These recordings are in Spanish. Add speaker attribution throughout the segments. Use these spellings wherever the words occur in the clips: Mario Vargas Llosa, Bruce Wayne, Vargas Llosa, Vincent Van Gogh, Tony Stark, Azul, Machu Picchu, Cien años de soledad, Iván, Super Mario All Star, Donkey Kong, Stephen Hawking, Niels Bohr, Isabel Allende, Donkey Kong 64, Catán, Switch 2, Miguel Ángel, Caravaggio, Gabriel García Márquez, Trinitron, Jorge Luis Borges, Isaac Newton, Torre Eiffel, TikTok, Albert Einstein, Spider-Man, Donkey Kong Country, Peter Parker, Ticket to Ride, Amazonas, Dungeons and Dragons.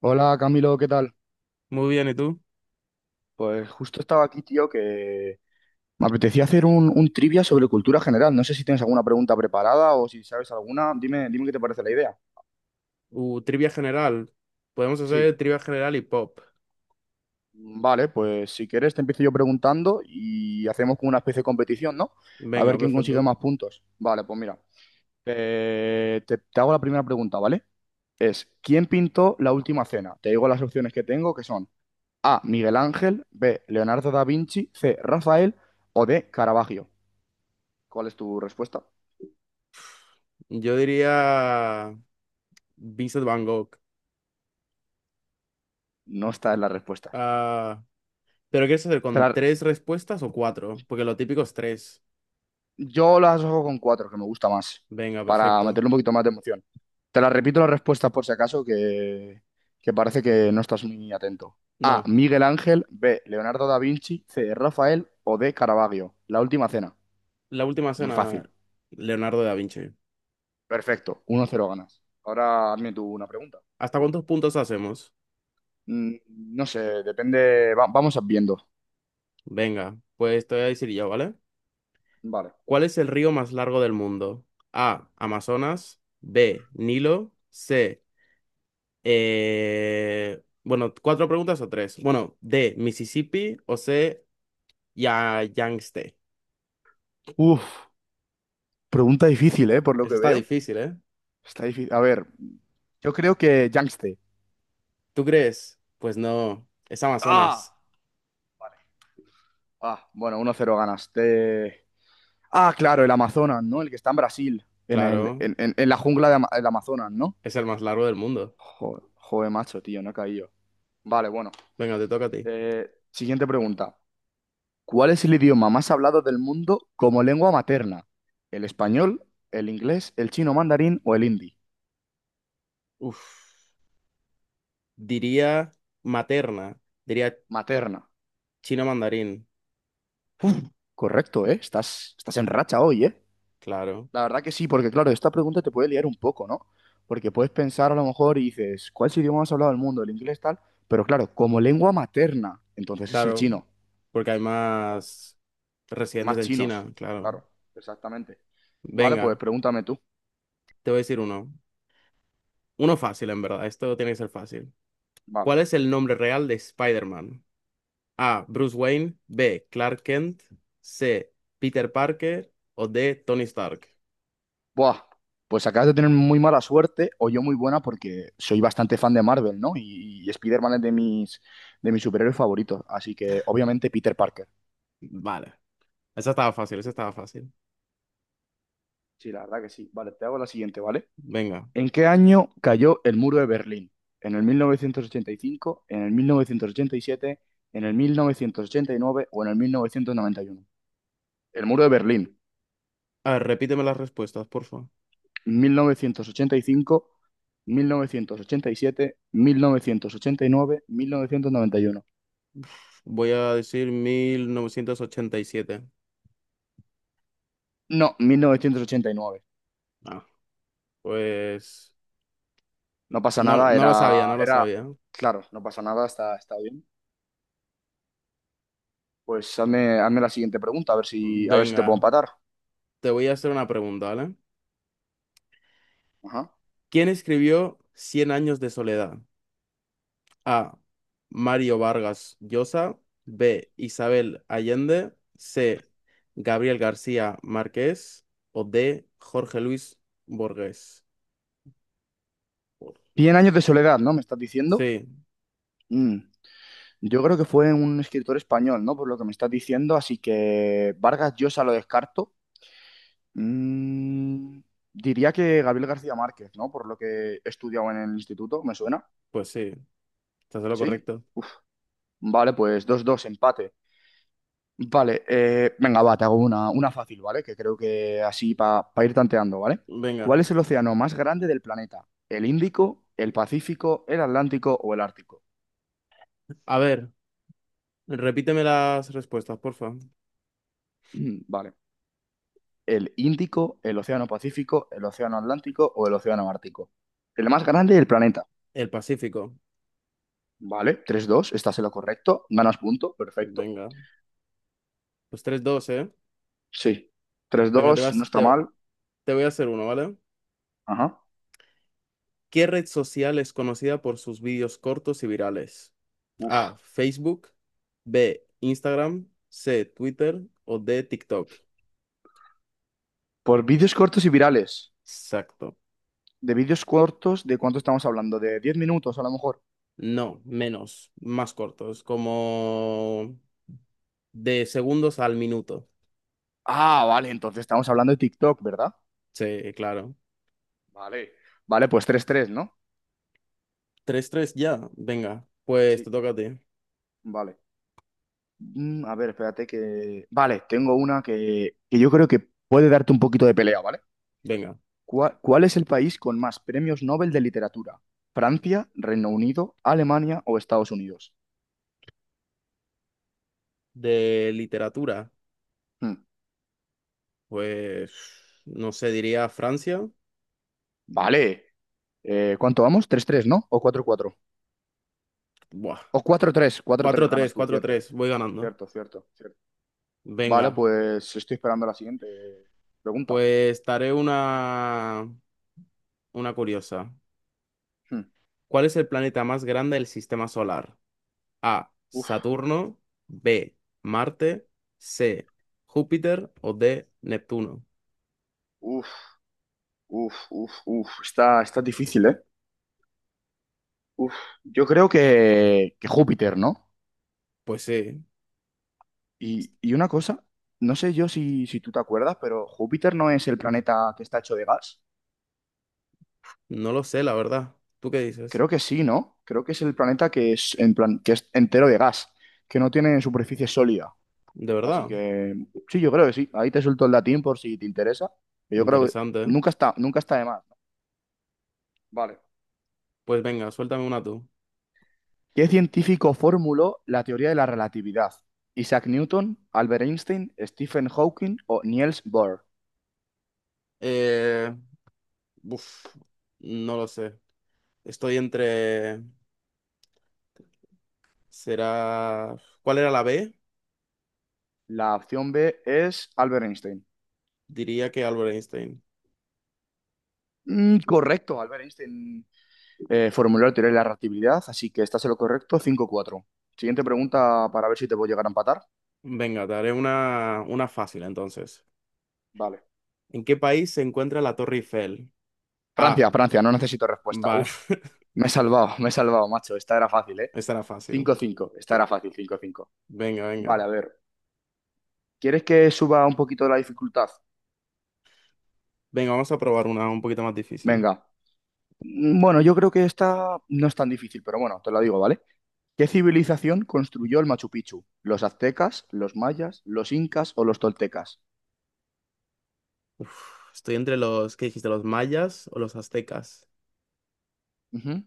Speaker 1: Hola Camilo, ¿qué tal?
Speaker 2: Muy bien, ¿y tú?
Speaker 1: Pues justo estaba aquí, tío, que me apetecía hacer un trivia sobre cultura general. No sé si tienes alguna pregunta preparada o si sabes alguna. Dime qué te parece la idea.
Speaker 2: Trivia general. Podemos hacer
Speaker 1: Sí.
Speaker 2: trivia general y pop.
Speaker 1: Vale, pues si quieres te empiezo yo preguntando y hacemos como una especie de competición, ¿no? A ver
Speaker 2: Venga,
Speaker 1: quién consigue
Speaker 2: perfecto.
Speaker 1: más puntos. Vale, pues mira, te hago la primera pregunta, ¿vale? Es, ¿quién pintó la última cena? Te digo las opciones que tengo, que son A, Miguel Ángel, B, Leonardo da Vinci, C, Rafael o D, Caravaggio. ¿Cuál es tu respuesta?
Speaker 2: Yo diría Vincent Van Gogh.
Speaker 1: No está en las respuestas.
Speaker 2: Ah, ¿pero quieres hacer
Speaker 1: Te
Speaker 2: con
Speaker 1: la-
Speaker 2: tres respuestas o cuatro? Porque lo típico es tres.
Speaker 1: Yo las hago con cuatro, que me gusta más,
Speaker 2: Venga,
Speaker 1: para
Speaker 2: perfecto.
Speaker 1: meterle un poquito más de emoción. Te las repito las respuestas por si acaso, que parece que no estás muy atento. A.
Speaker 2: No,
Speaker 1: Miguel Ángel. B. Leonardo da Vinci. C. Rafael. O D. Caravaggio. La última cena.
Speaker 2: la última
Speaker 1: Muy
Speaker 2: cena,
Speaker 1: fácil.
Speaker 2: Leonardo da Vinci.
Speaker 1: Perfecto. Uno cero ganas. Ahora hazme tú una pregunta.
Speaker 2: ¿Hasta cuántos puntos hacemos?
Speaker 1: Mm, No sé, depende. Vamos viendo.
Speaker 2: Venga, pues te voy a decir yo, ¿vale?
Speaker 1: Vale.
Speaker 2: ¿Cuál es el río más largo del mundo? A. Amazonas. B. Nilo. C. Bueno, cuatro preguntas o tres. Bueno, D, Mississippi o C, ya Yangtze.
Speaker 1: Uf, pregunta difícil, ¿eh? Por lo
Speaker 2: Esa
Speaker 1: que
Speaker 2: está
Speaker 1: veo.
Speaker 2: difícil, ¿eh?
Speaker 1: Está difícil. A ver, yo creo que Yangtze.
Speaker 2: ¿Tú crees? Pues no, es Amazonas.
Speaker 1: ¡Ah! Ah, bueno, uno cero ganas. Ah, claro, el Amazonas, ¿no? El que está en Brasil, en, el,
Speaker 2: Claro,
Speaker 1: en la jungla de del Amazonas, ¿no?
Speaker 2: es el más largo del mundo.
Speaker 1: Joder, joder, macho, tío, no he caído. Vale, bueno.
Speaker 2: Venga, te toca a ti.
Speaker 1: Siguiente pregunta. ¿Cuál es el idioma más hablado del mundo como lengua materna? ¿El español, el inglés, el chino mandarín o el hindi?
Speaker 2: Uf, diría materna, diría
Speaker 1: Materna.
Speaker 2: chino mandarín.
Speaker 1: Correcto, ¿eh? Estás en racha hoy, eh.
Speaker 2: Claro,
Speaker 1: La verdad que sí, porque claro, esta pregunta te puede liar un poco, ¿no? Porque puedes pensar a lo mejor y dices, ¿cuál es el idioma más hablado del mundo? El inglés tal, pero claro, como lengua materna, entonces es el
Speaker 2: claro,
Speaker 1: chino.
Speaker 2: porque hay más residentes
Speaker 1: Más
Speaker 2: en
Speaker 1: chinos,
Speaker 2: China, claro.
Speaker 1: claro, exactamente. Vale, pues
Speaker 2: Venga,
Speaker 1: pregúntame tú.
Speaker 2: te voy a decir uno. Uno fácil, en verdad. Esto tiene que ser fácil.
Speaker 1: Vale.
Speaker 2: ¿Cuál es el nombre real de Spider-Man? A. Bruce Wayne. B. Clark Kent. C. Peter Parker. O D. Tony Stark.
Speaker 1: Buah, pues acabas de tener muy mala suerte o yo muy buena porque soy bastante fan de Marvel, ¿no? Y Spider-Man es de de mis superhéroes favoritos, así que obviamente Peter Parker.
Speaker 2: Vale. Esa estaba fácil, esa estaba fácil.
Speaker 1: Sí, la verdad que sí. Vale, te hago la siguiente, ¿vale?
Speaker 2: Venga.
Speaker 1: ¿En qué año cayó el muro de Berlín? ¿En el 1985, en el 1987, en el 1989 o en el 1991? El muro de Berlín,
Speaker 2: A ver, repíteme las respuestas, por favor.
Speaker 1: mil novecientos ochenta y cinco, siete, nueve, 1991.
Speaker 2: Voy a decir 1987.
Speaker 1: No, 1989.
Speaker 2: Ah, pues
Speaker 1: No pasa
Speaker 2: no,
Speaker 1: nada,
Speaker 2: no lo sabía, no lo sabía.
Speaker 1: claro, no pasa nada, está bien. Pues hazme la siguiente pregunta, a ver si te puedo
Speaker 2: Venga,
Speaker 1: empatar.
Speaker 2: te voy a hacer una pregunta, ¿vale?
Speaker 1: Ajá.
Speaker 2: ¿Quién escribió Cien años de soledad? A. Mario Vargas Llosa. B. Isabel Allende. C. Gabriel García Márquez. O D. Jorge Luis Borges.
Speaker 1: 100 años de soledad, ¿no? ¿Me estás diciendo?
Speaker 2: Sí,
Speaker 1: Mm. Yo creo que fue un escritor español, ¿no? Por lo que me estás diciendo, así que Vargas Llosa lo descarto. Mm, diría que Gabriel García Márquez, ¿no? Por lo que he estudiado en el instituto, ¿me suena?
Speaker 2: pues sí, estás en lo
Speaker 1: ¿Sí?
Speaker 2: correcto.
Speaker 1: Uf, vale, pues dos dos empate. Vale, venga, va, te hago una fácil, ¿vale? Que creo que así para ir tanteando, ¿vale?
Speaker 2: Venga.
Speaker 1: ¿Cuál es el océano más grande del planeta? ¿El Índico, el Pacífico, el Atlántico o el Ártico?
Speaker 2: A ver, repíteme las respuestas, porfa.
Speaker 1: Vale. El Índico, el Océano Pacífico, el Océano Atlántico o el Océano Ártico. El más grande del planeta.
Speaker 2: El Pacífico.
Speaker 1: Vale, tres dos, estás en lo correcto. Ganas punto, perfecto.
Speaker 2: Venga. Pues tres 2, ¿eh?
Speaker 1: Sí. Tres
Speaker 2: Venga, te
Speaker 1: dos, no
Speaker 2: vas,
Speaker 1: está
Speaker 2: te,
Speaker 1: mal.
Speaker 2: te voy a hacer uno, ¿vale?
Speaker 1: Ajá.
Speaker 2: ¿Qué red social es conocida por sus vídeos cortos y virales?
Speaker 1: Uf.
Speaker 2: A. Facebook. B. Instagram. C. Twitter. O D. TikTok.
Speaker 1: Por vídeos cortos y virales.
Speaker 2: Exacto.
Speaker 1: ¿De vídeos cortos de cuánto estamos hablando? ¿De 10 minutos a lo mejor?
Speaker 2: No, menos, más cortos, como de segundos al minuto.
Speaker 1: Ah, vale, entonces estamos hablando de TikTok, ¿verdad?
Speaker 2: Sí, claro.
Speaker 1: Vale. Vale, pues tres tres, ¿no?
Speaker 2: 3-3 ya, venga. Pues te
Speaker 1: Sí.
Speaker 2: toca a ti.
Speaker 1: Vale. A ver, espérate que... Vale, tengo una que yo creo que puede darte un poquito de pelea, ¿vale?
Speaker 2: Venga.
Speaker 1: ¿Cuál es el país con más premios Nobel de literatura? ¿Francia, Reino Unido, Alemania o Estados Unidos?
Speaker 2: De literatura,
Speaker 1: Hmm,
Speaker 2: pues no sé, diría Francia.
Speaker 1: Vale. ¿Cuánto vamos? Tres tres, ¿o 4-4? O cuatro cuatro.
Speaker 2: Buah.
Speaker 1: O cuatro tres, cuatro tres ganas
Speaker 2: 4-3,
Speaker 1: tú, cierto.
Speaker 2: 4-3, voy ganando.
Speaker 1: Cierto, cierto, cierto.
Speaker 2: Venga,
Speaker 1: Vale, pues estoy esperando la siguiente pregunta.
Speaker 2: pues daré una curiosa.
Speaker 1: Hmm,
Speaker 2: ¿Cuál es el planeta más grande del sistema solar? A.
Speaker 1: Uf,
Speaker 2: Saturno. B. Marte. C. Júpiter o D. Neptuno.
Speaker 1: uf, uf, uf, uf. Está difícil, ¿eh? Uf. Yo creo que Júpiter, ¿no?
Speaker 2: Pues sí,
Speaker 1: Y una cosa, no sé yo si tú te acuerdas, pero Júpiter no es el planeta que está hecho de gas.
Speaker 2: no lo sé, la verdad. ¿Tú qué dices?
Speaker 1: Creo que sí, ¿no? Creo que es el planeta que es, en plan, que es entero de gas, que no tiene superficie sólida.
Speaker 2: De
Speaker 1: Así
Speaker 2: verdad,
Speaker 1: que sí, yo creo que sí. Ahí te suelto el latín por si te interesa. Yo creo que
Speaker 2: interesante, ¿eh?
Speaker 1: nunca está de más. ¿No? Vale.
Speaker 2: Pues venga, suéltame una tú.
Speaker 1: ¿Qué científico formuló la teoría de la relatividad? Isaac Newton, Albert Einstein, Stephen Hawking o Niels Bohr.
Speaker 2: Eh, uf, no lo sé. Estoy entre. Será. ¿Cuál era la B?
Speaker 1: La opción B es Albert Einstein.
Speaker 2: Diría que Albert Einstein.
Speaker 1: Mm, correcto, Albert Einstein. Formular teoría de la reactividad, así que estás en lo correcto, cinco cuatro. Siguiente pregunta para ver si te puedo llegar a empatar.
Speaker 2: Venga, te haré una fácil entonces.
Speaker 1: Vale.
Speaker 2: ¿En qué país se encuentra la Torre Eiffel?
Speaker 1: Francia,
Speaker 2: A.
Speaker 1: Francia, no necesito respuesta.
Speaker 2: Vale,
Speaker 1: Uf, me he salvado, macho. Esta era fácil, eh.
Speaker 2: esta era fácil.
Speaker 1: Cinco cinco. Esta era fácil, cinco cinco.
Speaker 2: Venga, venga.
Speaker 1: Vale, a ver. ¿Quieres que suba un poquito la dificultad?
Speaker 2: Venga, vamos a probar una un poquito más difícil.
Speaker 1: Venga. Bueno, yo creo que esta no es tan difícil, pero bueno, te lo digo, ¿vale? ¿Qué civilización construyó el Machu Picchu? ¿Los aztecas, los mayas, los incas o los toltecas?
Speaker 2: Uf, estoy entre los, ¿qué dijiste? ¿Los mayas o los aztecas?
Speaker 1: Ujú.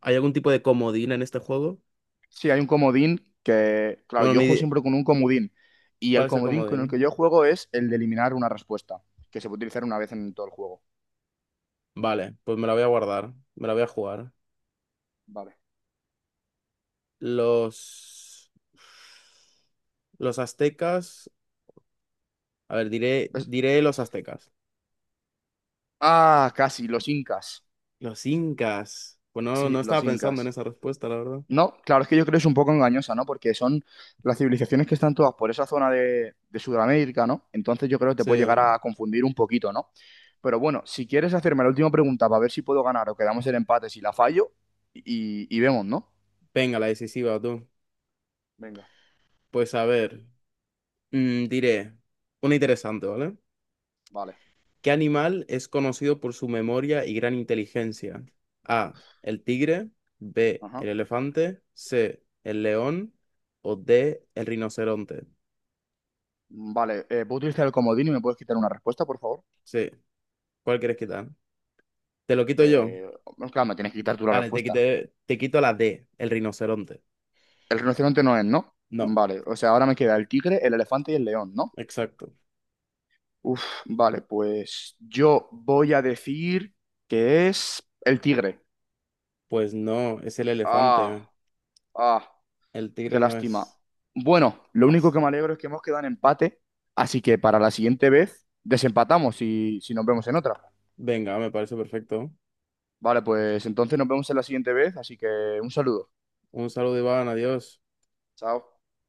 Speaker 2: ¿Hay algún tipo de comodín en este juego?
Speaker 1: Sí, hay un comodín que, claro,
Speaker 2: Bueno,
Speaker 1: yo juego siempre con un comodín y
Speaker 2: ¿cuál
Speaker 1: el
Speaker 2: es el
Speaker 1: comodín con el que
Speaker 2: comodín?
Speaker 1: yo juego es el de eliminar una respuesta, que se puede utilizar una vez en todo el juego.
Speaker 2: Vale, pues me la voy a guardar, me la voy a jugar.
Speaker 1: Vale.
Speaker 2: Los... Los aztecas. A ver, diré,
Speaker 1: Es-
Speaker 2: los aztecas.
Speaker 1: Ah, casi, los incas.
Speaker 2: Los incas. Pues no,
Speaker 1: Sí,
Speaker 2: no
Speaker 1: los
Speaker 2: estaba pensando en
Speaker 1: incas.
Speaker 2: esa respuesta, la verdad.
Speaker 1: No, claro, es que yo creo que es un poco engañosa, ¿no? Porque son las civilizaciones que están todas por esa zona de Sudamérica, ¿no? Entonces yo creo que te puede llegar
Speaker 2: Sí.
Speaker 1: a confundir un poquito, ¿no? Pero bueno, si quieres hacerme la última pregunta para ver si puedo ganar o quedamos el empate, si la fallo, y vemos, ¿no?
Speaker 2: Venga, la decisiva, tú.
Speaker 1: Venga,
Speaker 2: Pues a ver. Diré, una interesante, ¿vale?
Speaker 1: vale.
Speaker 2: ¿Qué animal es conocido por su memoria y gran inteligencia? A, el tigre, B, el
Speaker 1: Ajá.
Speaker 2: elefante, C, el león o D, el rinoceronte.
Speaker 1: Vale, ¿puedo utilizar el comodín y me puedes quitar una respuesta, por favor?
Speaker 2: Sí, ¿cuál quieres quitar? Te lo quito yo.
Speaker 1: Eh, no, claro, me tienes que quitar tú la
Speaker 2: Vale,
Speaker 1: respuesta.
Speaker 2: te quito la D, el rinoceronte.
Speaker 1: El rinoceronte no es, ¿no?
Speaker 2: No,
Speaker 1: Vale, o sea, ahora me queda el tigre, el elefante y el león, ¿no?
Speaker 2: exacto.
Speaker 1: Uf, vale, pues yo voy a decir que es el tigre.
Speaker 2: Pues no, es el
Speaker 1: Ah,
Speaker 2: elefante.
Speaker 1: ah,
Speaker 2: El
Speaker 1: qué
Speaker 2: tigre no
Speaker 1: lástima.
Speaker 2: es.
Speaker 1: Bueno, lo único
Speaker 2: As.
Speaker 1: que me alegro es que hemos quedado en empate, así que para la siguiente vez desempatamos y si nos vemos en otra.
Speaker 2: Venga, me parece perfecto.
Speaker 1: Vale, pues entonces nos vemos en la siguiente vez, así que un saludo.
Speaker 2: Un saludo, Iván, adiós.
Speaker 1: Chao.